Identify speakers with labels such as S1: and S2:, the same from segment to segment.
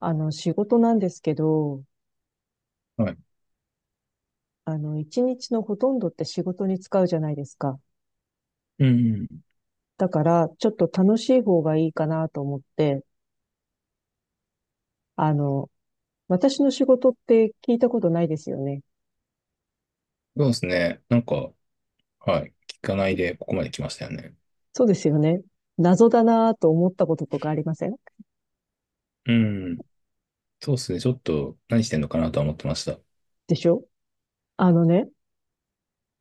S1: 仕事なんですけど、
S2: はい。
S1: 一日のほとんどって仕事に使うじゃないですか。
S2: うん。
S1: だから、ちょっと楽しい方がいいかなと思って、あの、私の仕事って聞いたことないですよね。
S2: そうですね。なんか、はい。聞かないでここまで来ましたよね。
S1: そうですよね。謎だなと思ったこととかありません
S2: うん。そうですね。ちょっと何してんのかなとは思ってました。
S1: でしょ。あのね、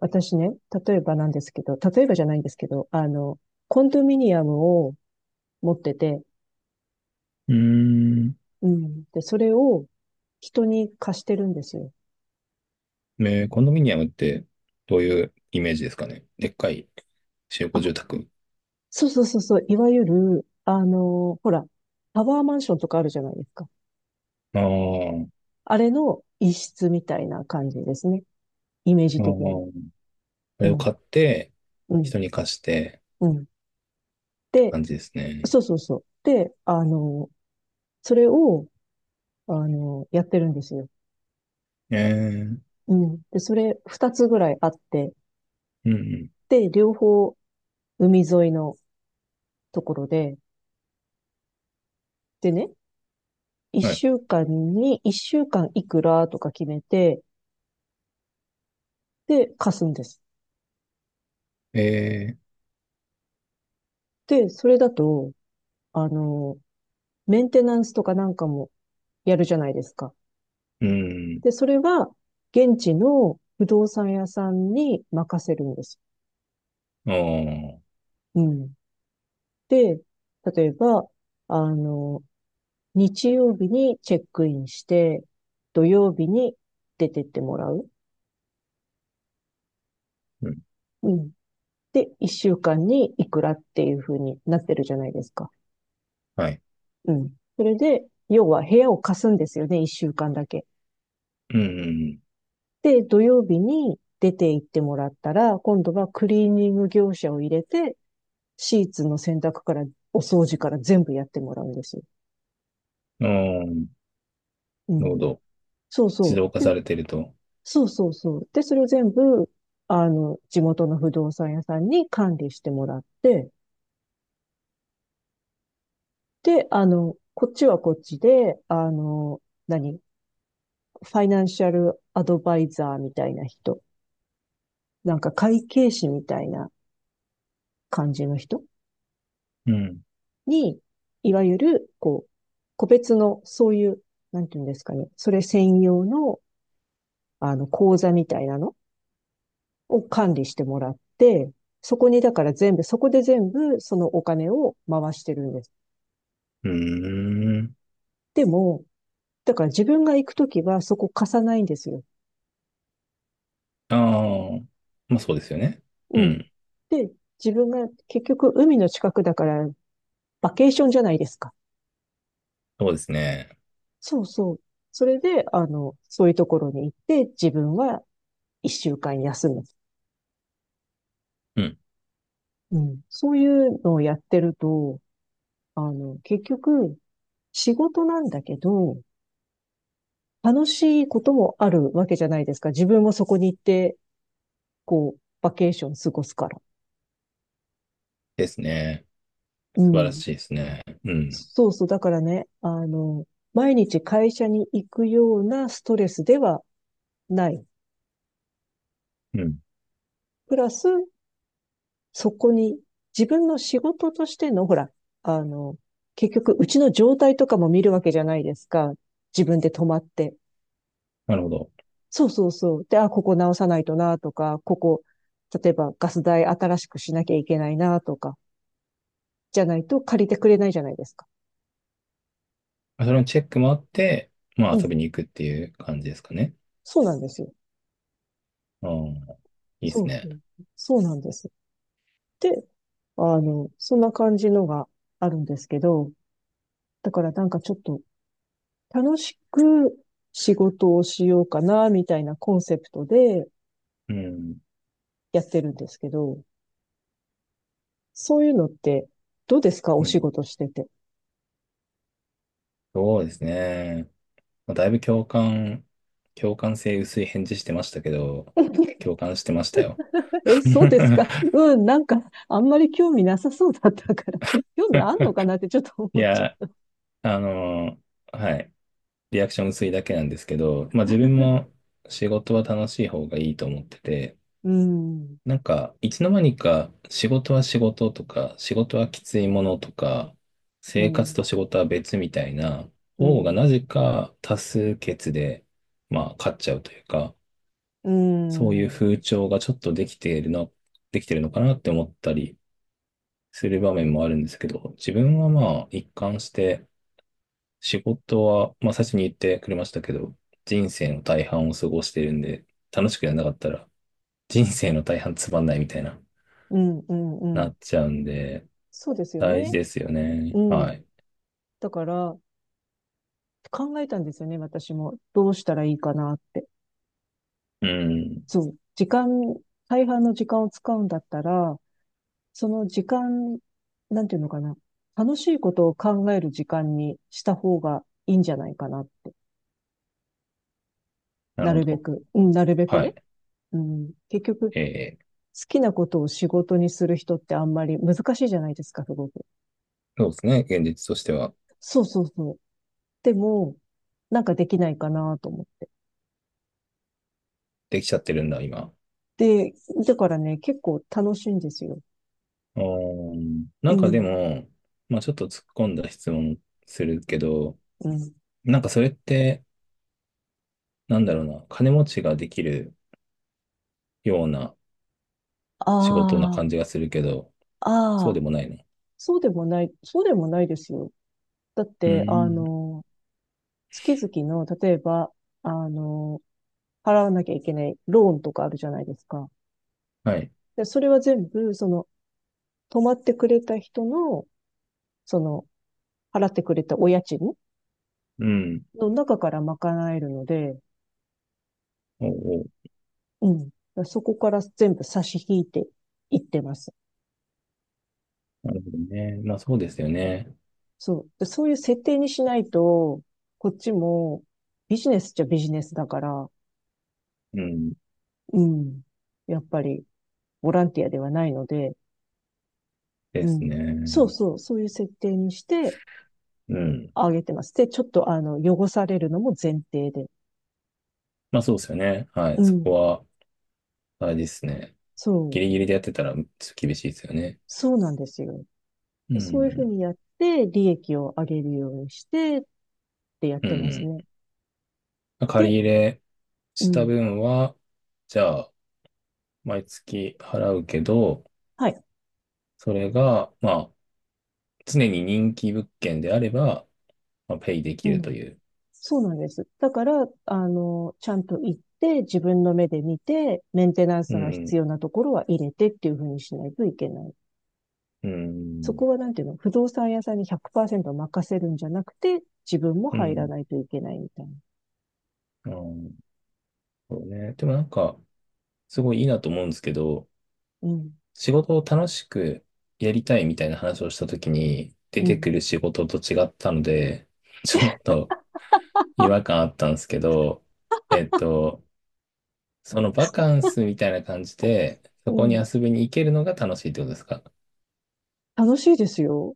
S1: 私ね、例えばなんですけど、例えばじゃないんですけど、コンドミニアムを持ってて、
S2: うん。
S1: うん。で、それを人に貸してるんですよ。
S2: コンドミニアムってどういうイメージですかね。でっかい集合住宅。
S1: そうそうそうそう、いわゆる、あの、ほら、タワーマンションとかあるじゃないですか。
S2: ああ、あ
S1: あれの一室みたいな感じですね。イメージ的に。
S2: あ。あ
S1: う
S2: れを
S1: ん、
S2: 買って、
S1: うん、
S2: 人に貸してっ
S1: うん。
S2: て
S1: で、
S2: 感じですね。
S1: そうそうそう。で、それを、やってるんですよ。
S2: ええ
S1: うん。で、それ二つぐらいあって、
S2: うん、うん。
S1: で、両方海沿いのところで、でね、一
S2: はい。
S1: 週間に、一週間いくらとか決めて、で、貸すんです。
S2: ええ
S1: で、それだと、あの、メンテナンスとかなんかもやるじゃないですか。
S2: うん。
S1: で、それは現地の不動産屋さんに任せるんです。
S2: ああ、
S1: うん。で、例えば、あの、日曜日にチェックインして、土曜日に出てってもらう。
S2: うん。
S1: うん。で、一週間にいくらっていう風になってるじゃないですか。
S2: はい。
S1: うん。それで、要は部屋を貸すんですよね、一週間だけ。
S2: うん、
S1: で、土曜日に出て行ってもらったら、今度はクリーニング業者を入れて、シーツの洗濯から、お掃除から全部やってもらうんですよ。
S2: うん。ああ、
S1: う
S2: なるほ
S1: ん。
S2: ど。
S1: そうそ
S2: 自動化
S1: う。で、
S2: されてると。
S1: そうそうそう。で、それを全部、地元の不動産屋さんに管理してもらって、で、あの、こっちはこっちで、何ファイナンシャルアドバイザーみたいな人、なんか会計士みたいな感じの人
S2: うん。
S1: に、いわゆる、こう、個別の、そういう、なんていうんですかね、それ専用の、講座みたいなのを管理してもらって、そこにだから全部、そこで全部そのお金を回してるんです。
S2: うーん。
S1: でも、だから自分が行くときはそこ貸さないんですよ。
S2: ああ、まあそうですよね。う
S1: うん。
S2: ん。
S1: で、自分が結局海の近くだからバケーションじゃないですか。
S2: そうですね。
S1: そうそう。それで、そういうところに行って自分は一週間休む。
S2: うん。
S1: うん。そういうのをやってると、結局仕事なんだけど、楽しいこともあるわけじゃないですか。自分もそこに行って、こう、バケーション過ごすから。
S2: ですね。
S1: う
S2: 素晴ら
S1: ん。
S2: しいですね。うん。
S1: そうそう。だからね、毎日会社に行くようなストレスではない。
S2: うん。
S1: プラス、そこに自分の仕事としての、ほら、あの、結局、うちの状態とかも見るわけじゃないですか。自分で止まって。
S2: なるほど。
S1: そうそうそう。で、あ、ここ直さないとなとか、ここ、例えばガス代新しくしなきゃいけないなとか、じゃないと借りてくれないじゃないですか。
S2: それのチェックもあって、ま
S1: う
S2: あ遊
S1: ん。
S2: びに行くっていう感じですかね。
S1: そうなんですよ。
S2: ああ、いいで
S1: そ
S2: す
S1: うそ
S2: ね。
S1: う。そうなんです。で、そんな感じのがあるんですけど、だからなんかちょっと楽しく仕事をしようかな、みたいなコンセプトで
S2: うん。
S1: やってるんですけど、そういうのってどうですかお
S2: う
S1: 仕
S2: ん。
S1: 事してて。
S2: そうですね。まあ、だいぶ共感、共感性薄い返事してましたけど、共感してましたよ。
S1: え、そうですか。うん、なんかあんまり興味なさそうだったから、興味あんのかなってちょっと
S2: い
S1: 思っちゃ
S2: や、あのはい。リアクション薄いだけなんですけど、まあ自分も仕事は楽しい方がいいと思ってて、
S1: う。うん、
S2: なんか、いつの間にか仕事は仕事とか、仕事はきついものとか、
S1: う
S2: 生活
S1: ん、
S2: と仕事は別みたいな
S1: う
S2: 方が
S1: ん、
S2: なぜか多数決で、まあ勝っちゃうというか、
S1: う
S2: そういう
S1: ん。
S2: 風潮がちょっとできているの、できてるのかなって思ったりする場面もあるんですけど、自分はまあ一貫して仕事は、まあ最初に言ってくれましたけど、人生の大半を過ごしてるんで、楽しくやんなかったら、人生の大半つまんないみたいな、
S1: うんうんう
S2: な
S1: ん。
S2: っちゃうんで、
S1: そうですよ
S2: 大事
S1: ね。
S2: ですよね。
S1: う
S2: は
S1: ん。
S2: い。
S1: だから、考えたんですよね、私も。どうしたらいいかなって。
S2: うん。
S1: そう。時間、大半の時間を使うんだったら、その時間、なんていうのかな。楽しいことを考える時間にした方がいいんじゃないかなって。
S2: な
S1: な
S2: るほ
S1: るべ
S2: ど。
S1: く。うん、なるべく
S2: は
S1: ね。
S2: い。
S1: うん。結局、好
S2: えー、
S1: きなことを仕事にする人ってあんまり難しいじゃないですか、すごく。
S2: そうですね。現実としては、
S1: そうそうそう。でも、なんかできないかなと思って。
S2: できちゃってるんだ、今。
S1: で、だからね、結構楽しいんですよ。
S2: うーん。な
S1: う
S2: んかで
S1: ん、
S2: も、まあちょっと突っ込んだ質問するけど、
S1: うん。
S2: なんかそれって、なんだろうな、金持ちができるような仕事な
S1: あ
S2: 感じがするけど、
S1: あ、あ
S2: そうで
S1: あ、
S2: もないの
S1: そうでもない、そうでもないですよ。だっ
S2: うー
S1: て、
S2: ん。
S1: 月々の、例えば、あの、払わなきゃいけないローンとかあるじゃないですか。
S2: はい。
S1: で、それは全部、その、泊まってくれた人の、その、払ってくれたお家賃
S2: うん。
S1: の中から賄えるので、
S2: おうおう。
S1: うん。そこから全部差し引いていってます。
S2: なるほどね。まあそうですよね。
S1: そう。でそういう設定にしないと、こっちもビジネスっちゃビジネスだから、
S2: うん。
S1: うん。やっぱりボランティアではないので、
S2: で
S1: う
S2: す
S1: ん。そう
S2: ね。
S1: そう、そういう設定にして
S2: うん。
S1: あげてます。で、ちょっとあの、汚されるのも前提で。
S2: まあそうですよね。は
S1: う
S2: い。そ
S1: ん。
S2: こは、あれですね。
S1: そ
S2: ギ
S1: う。
S2: リギリでやってたら、ちょっと厳しいですよね。
S1: そうなんですよ。
S2: う
S1: そういうふう
S2: ん。
S1: にやって、利益を上げるようにしてってやっ
S2: う
S1: てます
S2: ん。
S1: ね。
S2: ま借
S1: で、
S2: り入れ
S1: う
S2: した
S1: ん。
S2: 分は、じゃあ、毎月払うけど、
S1: はい。
S2: それが、まあ、常に人気物件であれば、まあ、ペイでき
S1: う
S2: る
S1: ん。
S2: という。
S1: そうなんです。だから、ちゃんと行って、自分の目で見て、メンテナン
S2: う
S1: スが
S2: ん。
S1: 必要なところは入れてっていうふうにしないといけない。
S2: う
S1: そ
S2: ん。
S1: こはなんていうの、不動産屋さんに100%任せるんじゃなくて、自分も
S2: う
S1: 入ら
S2: ん。
S1: ないといけないみたいな。
S2: あーそうね。でもなんか、すごいいいなと思うんですけど、
S1: うん、
S2: 仕事を楽しくやりたいみたいな話をしたときに、出
S1: う
S2: て
S1: ん、
S2: くる仕事と違ったので、ちょっと違和感あったんですけど、えっと、そのバカンスみたいな感じで、そ
S1: う
S2: こに
S1: ん。
S2: 遊びに行けるのが楽しいってことですか
S1: 楽しいですよ。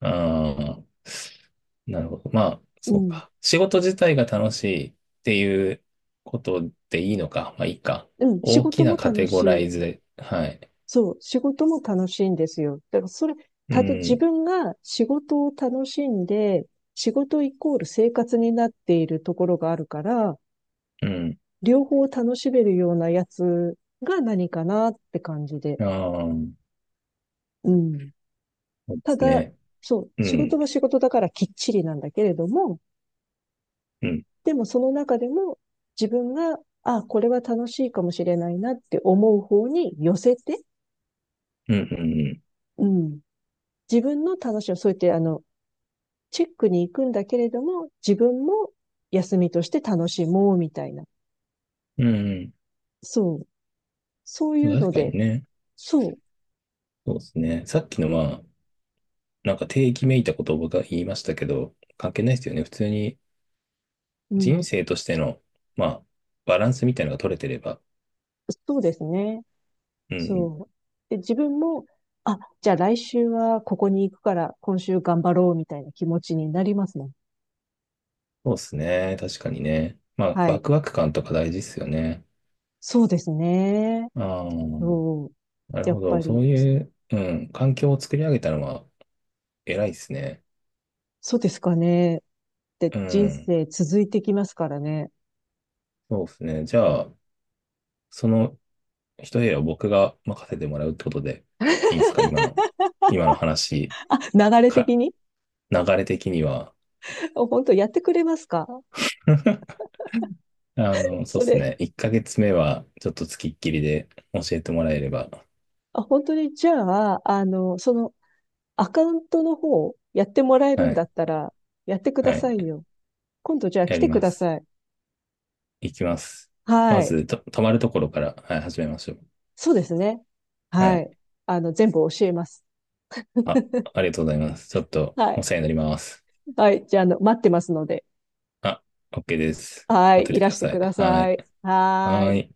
S2: ああなるほど。まあ、
S1: う
S2: そう
S1: ん、
S2: か。仕事自体が楽しいっていうことでいいのか。まあ、いいか。
S1: うん。仕
S2: 大
S1: 事
S2: き
S1: も
S2: なカ
S1: 楽
S2: テ
S1: し
S2: ゴラ
S1: い。
S2: イズで、はい。
S1: そう、仕事も楽しいんですよ。だからそれ、
S2: う
S1: たと、自
S2: ん、
S1: 分が仕事を楽しんで、仕事イコール生活になっているところがあるから、
S2: うん。
S1: 両方楽しめるようなやつが何かなって感じで。
S2: ああ。
S1: うん。
S2: そうで
S1: た
S2: す
S1: だ、
S2: ね。
S1: そう、
S2: う
S1: 仕事
S2: ん、
S1: は仕事だからきっちりなんだけれども、
S2: うん、
S1: でもその中でも自分が、あ、これは楽しいかもしれないなって思う方に寄せて、
S2: うん、うん、
S1: うん。自分の楽しみを、そうやってチェックに行くんだけれども、自分も休みとして楽しもうみたいな。
S2: うん、うん
S1: そう。そういう
S2: うん。確
S1: の
S2: か
S1: で、
S2: にね。
S1: そ
S2: そうですね。さっきのまあ、なんか定義めいたことを僕が言いましたけど、関係ないですよね。普通に
S1: う。うん。
S2: 人生としての、まあ、バランスみたいなのが取れてれば。
S1: そうですね。
S2: うん、
S1: そう。で、自分も、あ、じゃあ来週はここに行くから今週頑張ろうみたいな気持ちになりますね。
S2: そうですね。確かにね。まあ、
S1: は
S2: ワ
S1: い。
S2: クワク感とか大事ですよね。
S1: そうですね。
S2: ああ、
S1: そう。
S2: なる
S1: やっ
S2: ほ
S1: ぱ
S2: ど。そ
S1: り、
S2: ういう、うん、環境を作り上げたのは偉いですね。
S1: そうですかね。で、
S2: う
S1: 人
S2: ん、
S1: 生続いてきますからね。
S2: そうですね。じゃあ、その一部屋を僕が任せてもらうってことでいいんですか今の、今の話
S1: 流れ
S2: か、
S1: 的に。
S2: 流れ的には。
S1: 本当やってくれますか
S2: あの、そう
S1: そ
S2: です
S1: れ。
S2: ね。1ヶ月目はちょっと付きっきりで教えてもらえれば。
S1: あ、本当に、じゃあ、そのアカウントの方、やってもらえる
S2: は
S1: んだ
S2: い。
S1: ったら、やってくだ
S2: はい。
S1: さいよ。今度じゃあ
S2: や
S1: 来
S2: り
S1: てく
S2: ま
S1: だ
S2: す。
S1: さい。
S2: いきます。
S1: は
S2: ま
S1: い。
S2: ず、泊まるところから、はい、始めましょう。
S1: そうですね。
S2: は
S1: は
S2: い。
S1: い。全部教えます。
S2: あ、ありがとうございます。ちょっと
S1: はい。
S2: お世話になります。
S1: はい。じゃあ、待ってますので。
S2: あ、OK です。
S1: はい。
S2: 待っ
S1: い
S2: てて
S1: ら
S2: くだ
S1: して
S2: さ
S1: く
S2: い。
S1: だ
S2: は
S1: さ
S2: い。
S1: い。はー
S2: は
S1: い。
S2: い。